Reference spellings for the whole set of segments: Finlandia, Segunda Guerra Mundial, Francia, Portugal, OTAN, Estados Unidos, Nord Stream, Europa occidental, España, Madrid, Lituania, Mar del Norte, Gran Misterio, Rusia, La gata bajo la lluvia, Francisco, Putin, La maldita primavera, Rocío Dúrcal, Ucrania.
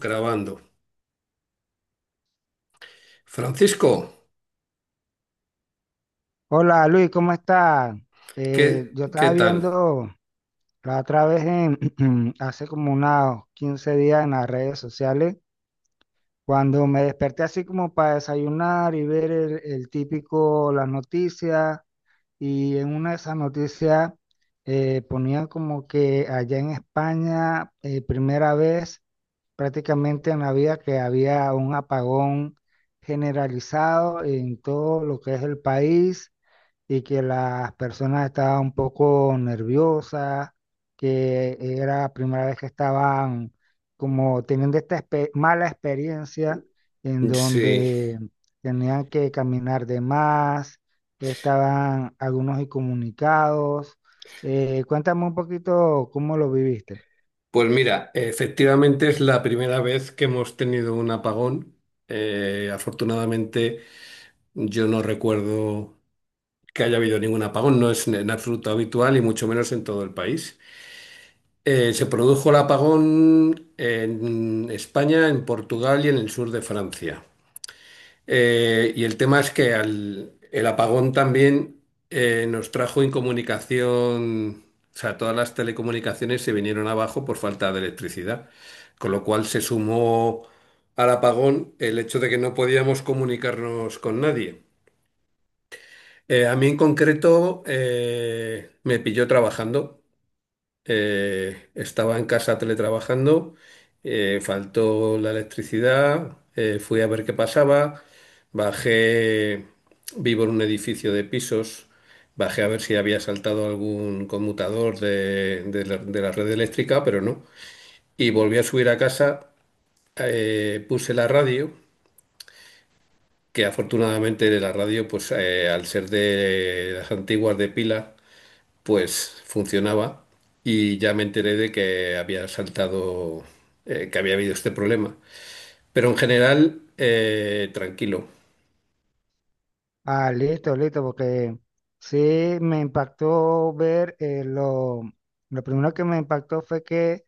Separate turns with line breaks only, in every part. Grabando. Francisco,
Hola Luis, ¿cómo estás?
¿qué,
Yo
qué
estaba
tal?
viendo la otra vez en, hace como unos 15 días en las redes sociales, cuando me desperté así como para desayunar y ver el típico, las noticias, y en una de esas noticias ponían como que allá en España, primera vez prácticamente en la vida que había un apagón generalizado en todo lo que es el país y que las personas estaban un poco nerviosas, que era la primera vez que estaban como teniendo mala experiencia en
Sí,
donde tenían que caminar de más, estaban algunos incomunicados. Cuéntame un poquito cómo lo viviste.
pues mira, efectivamente es la primera vez que hemos tenido un apagón. Afortunadamente yo no recuerdo que haya habido ningún apagón, no es en absoluto habitual y mucho menos en todo el país. Se produjo el apagón en España, en Portugal y en el sur de Francia. Y el tema es que el apagón también nos trajo incomunicación, o sea, todas las telecomunicaciones se vinieron abajo por falta de electricidad, con lo cual se sumó al apagón el hecho de que no podíamos comunicarnos con nadie. A mí en concreto me pilló trabajando. Estaba en casa teletrabajando, faltó la electricidad, fui a ver qué pasaba, bajé, vivo en un edificio de pisos, bajé a ver si había saltado algún conmutador de la red eléctrica, pero no. Y volví a subir a casa, puse la radio, que afortunadamente la radio, pues al ser de las antiguas de pila, pues funcionaba y ya me enteré de que había saltado, que había habido este problema. Pero en general, tranquilo.
Ah, listo, listo, porque sí me impactó ver lo primero que me impactó fue que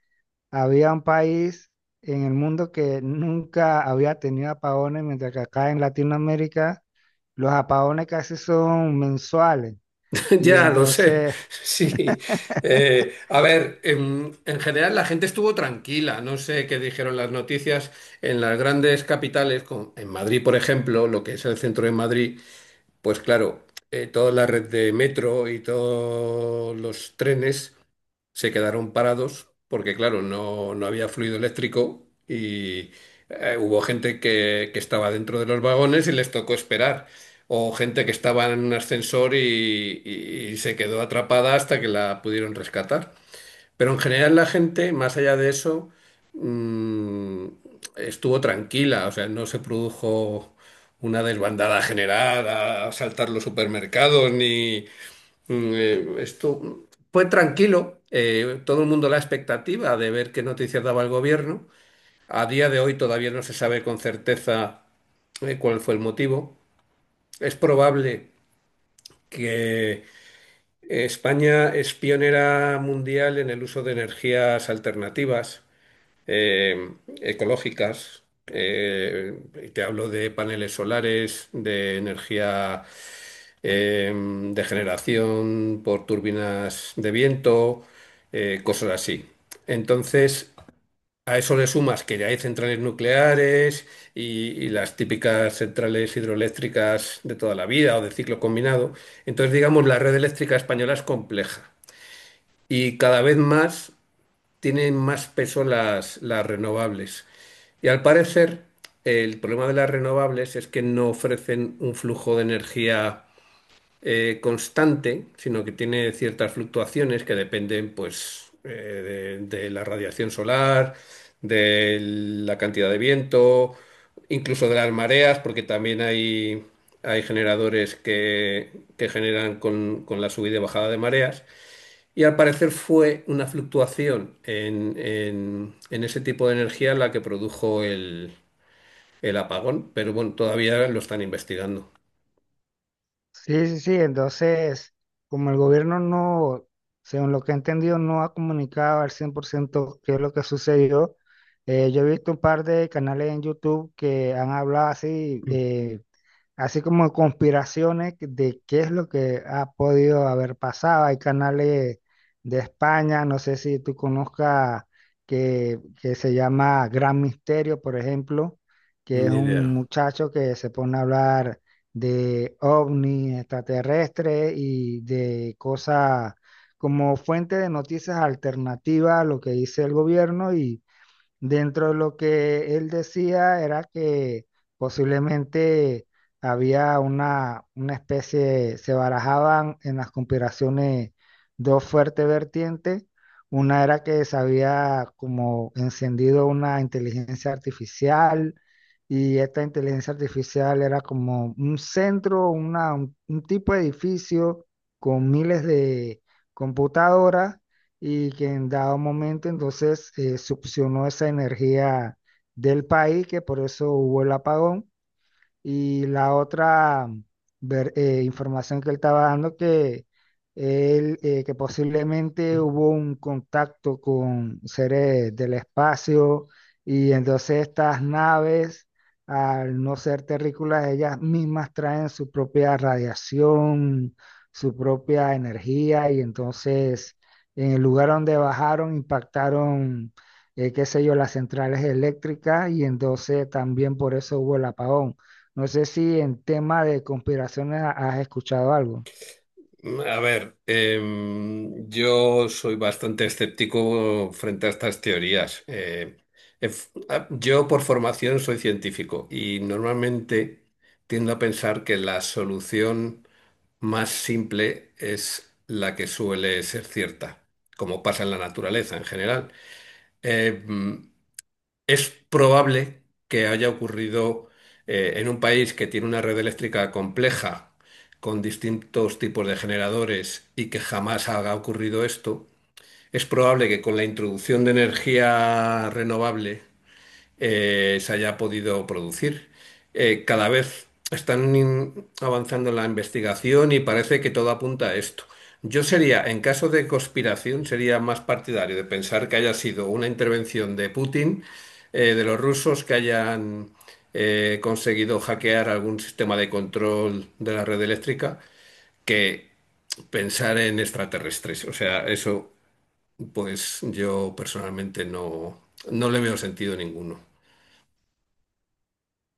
había un país en el mundo que nunca había tenido apagones, mientras que acá en Latinoamérica los apagones casi son mensuales. Y
Ya lo sé,
entonces,
sí. A ver, en general la gente estuvo tranquila. No sé qué dijeron las noticias en las grandes capitales, como en Madrid, por ejemplo, lo que es el centro de Madrid. Pues claro, toda la red de metro y todos los trenes se quedaron parados porque, claro, no había fluido eléctrico y hubo gente que estaba dentro de los vagones y les tocó esperar. O gente que estaba en un ascensor y se quedó atrapada hasta que la pudieron rescatar. Pero en general la gente, más allá de eso, mm, estuvo tranquila, o sea, no se produjo una desbandada general a saltar los supermercados, ni esto fue tranquilo. Todo el mundo la expectativa de ver qué noticias daba el gobierno. A día de hoy todavía no se sabe con certeza cuál fue el motivo. Es probable que España es pionera mundial en el uso de energías alternativas eh, ecológicas. eh, Te hablo de paneles solares, de energía de generación por turbinas de viento, cosas así. Entonces, a eso le sumas que ya hay centrales nucleares y las típicas centrales hidroeléctricas de toda la vida o de ciclo combinado. Entonces, digamos, la red eléctrica española es compleja y cada vez más tienen más peso las renovables. Y al parecer, el problema de las renovables es que no ofrecen un flujo de energía constante, sino que tiene ciertas fluctuaciones que dependen, pues, de la radiación solar, de la cantidad de viento, incluso de las mareas, porque también hay generadores que generan con la subida y bajada de mareas. Y al parecer fue una fluctuación en ese tipo de energía la que produjo el apagón, pero bueno, todavía lo están investigando.
sí, sí, sí, entonces, como el gobierno no, según lo que he entendido, no ha comunicado al 100% qué es lo que sucedió, yo he visto un par de canales en YouTube que han hablado así. Así como conspiraciones de qué es lo que ha podido haber pasado. Hay canales de España, no sé si tú conozcas que se llama Gran Misterio, por ejemplo, que es
Ni
un
idea.
muchacho que se pone a hablar de ovnis extraterrestres y de cosas como fuente de noticias alternativas a lo que dice el gobierno y dentro de lo que él decía era que posiblemente había una especie, se barajaban en las conspiraciones dos fuertes vertientes. Una era que se había como encendido una inteligencia artificial y esta inteligencia artificial era como un centro, un tipo de edificio con miles de computadoras y que en dado momento entonces succionó esa energía del país, que por eso hubo el apagón. Y la otra información que él estaba dando, que posiblemente hubo un contacto con seres del espacio y entonces estas naves, al no ser terrícolas, ellas mismas traen su propia radiación, su propia energía y entonces en el lugar donde bajaron impactaron, qué sé yo, las centrales eléctricas y entonces también por eso hubo el apagón. No sé si en tema de conspiraciones has escuchado algo.
A ver, yo soy bastante escéptico frente a estas teorías. Yo por formación soy científico y normalmente tiendo a pensar que la solución más simple es la que suele ser cierta, como pasa en la naturaleza en general. Em, es probable que haya ocurrido en un país que tiene una red eléctrica compleja, con distintos tipos de generadores y que jamás haya ocurrido esto. Es probable que con la introducción de energía renovable se haya podido producir. Cada vez están avanzando en la investigación y parece que todo apunta a esto. Yo sería, en caso de conspiración, sería más partidario de pensar que haya sido una intervención de Putin, de los rusos que hayan conseguido hackear algún sistema de control de la red eléctrica, que pensar en extraterrestres. O sea, eso, pues yo personalmente no, no le veo sentido ninguno.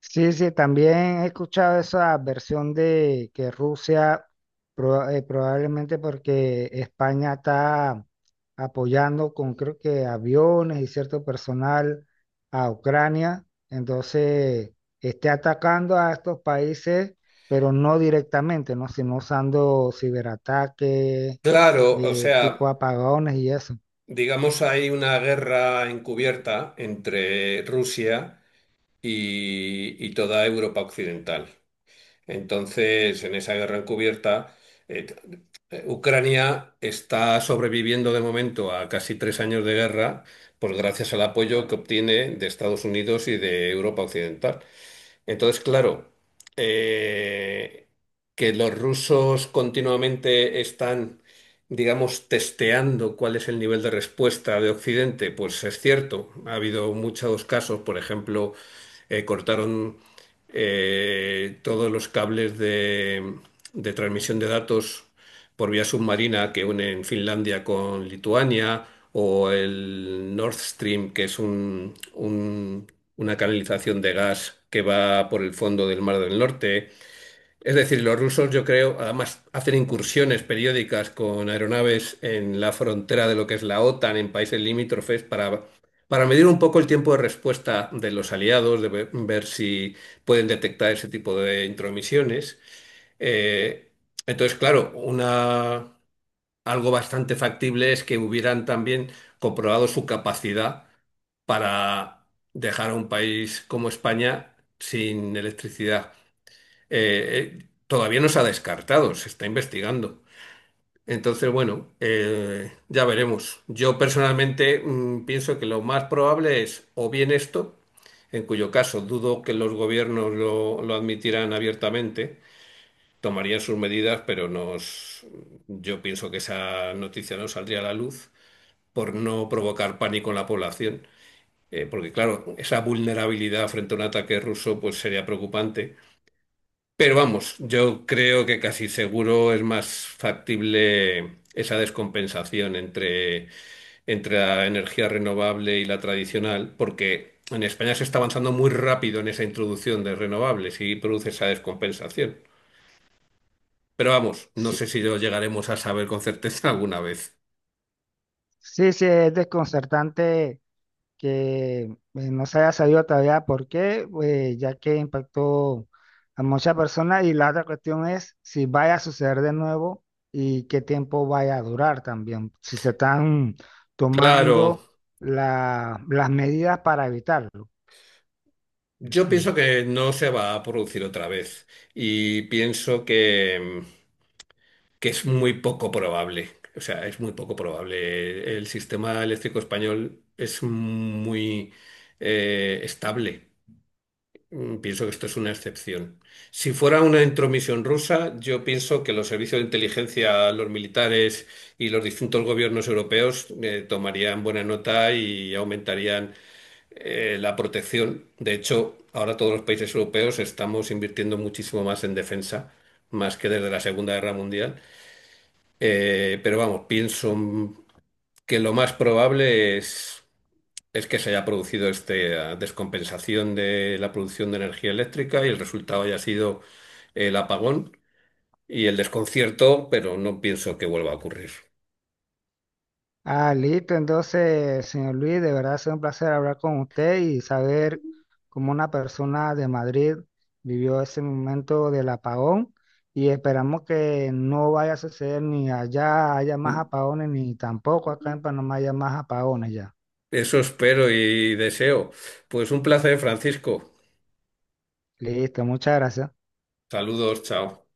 Sí, sí, también he escuchado esa versión de que Rusia, probablemente porque España está apoyando con creo que aviones y cierto personal a Ucrania, entonces esté atacando a estos países, pero no directamente, ¿no? Sino usando ciberataques,
Claro, o
tipo
sea,
apagones y eso.
digamos hay una guerra encubierta entre Rusia y toda Europa occidental. Entonces, en esa guerra encubierta, eh, t- Ucrania está sobreviviendo de momento a casi 3 años de guerra, pues gracias al apoyo que obtiene de Estados Unidos y de Europa occidental. Entonces, claro, eh, que los rusos continuamente están, digamos, testeando cuál es el nivel de respuesta de Occidente, pues es cierto. Ha habido muchos casos, por ejemplo, cortaron todos los cables de transmisión de datos por vía submarina que unen Finlandia con Lituania, o el Nord Stream, que es una canalización de gas que va por el fondo del Mar del Norte. Es decir, los rusos, yo creo, además hacen incursiones periódicas con aeronaves en la frontera de lo que es la OTAN, en países limítrofes, para medir un poco el tiempo de respuesta de los aliados, de ver, ver si pueden detectar ese tipo de intromisiones. Eh, entonces, claro, algo bastante factible es que hubieran también comprobado su capacidad para dejar a un país como España sin electricidad, todavía no se ha descartado, se está investigando. Entonces, bueno, ya veremos. Yo personalmente pienso que lo más probable es o bien esto, en cuyo caso dudo que los gobiernos lo admitirán abiertamente, tomarían sus medidas, pero yo pienso que esa noticia no saldría a la luz por no provocar pánico en la población. Porque claro, esa vulnerabilidad frente a un ataque ruso pues sería preocupante. Pero vamos, yo creo que casi seguro es más factible esa descompensación entre, entre la energía renovable y la tradicional, porque en España se está avanzando muy rápido en esa introducción de renovables y produce esa descompensación. Pero vamos, no
Sí,
sé si lo llegaremos a saber con certeza alguna vez.
sí, sí, es desconcertante que no se haya sabido todavía por qué, pues, ya que impactó a muchas personas. Y la otra cuestión es si vaya a suceder de nuevo y qué tiempo vaya a durar también, si se están
Claro,
tomando las medidas para evitarlo.
yo pienso que no se va a producir otra vez y pienso que es muy poco probable. O sea, es muy poco probable. El sistema eléctrico español es muy estable. Pienso que esto es una excepción. Si fuera una intromisión rusa, yo pienso que los servicios de inteligencia, los militares y los distintos gobiernos europeos tomarían buena nota y aumentarían la protección. De hecho, ahora todos los países europeos estamos invirtiendo muchísimo más en defensa, más que desde la Segunda Guerra Mundial. Pero vamos, pienso que lo más probable es que se haya producido esta descompensación de la producción de energía eléctrica y el resultado haya sido el apagón y el desconcierto, pero no pienso que vuelva a ocurrir.
Ah, listo. Entonces, señor Luis, de verdad ha sido un placer hablar con usted y saber cómo una persona de Madrid vivió ese momento del apagón y esperamos que no vaya a suceder ni allá haya más apagones ni tampoco acá en Panamá haya más apagones ya.
Eso espero y deseo. Pues un placer, Francisco.
Listo, muchas gracias.
Saludos, chao.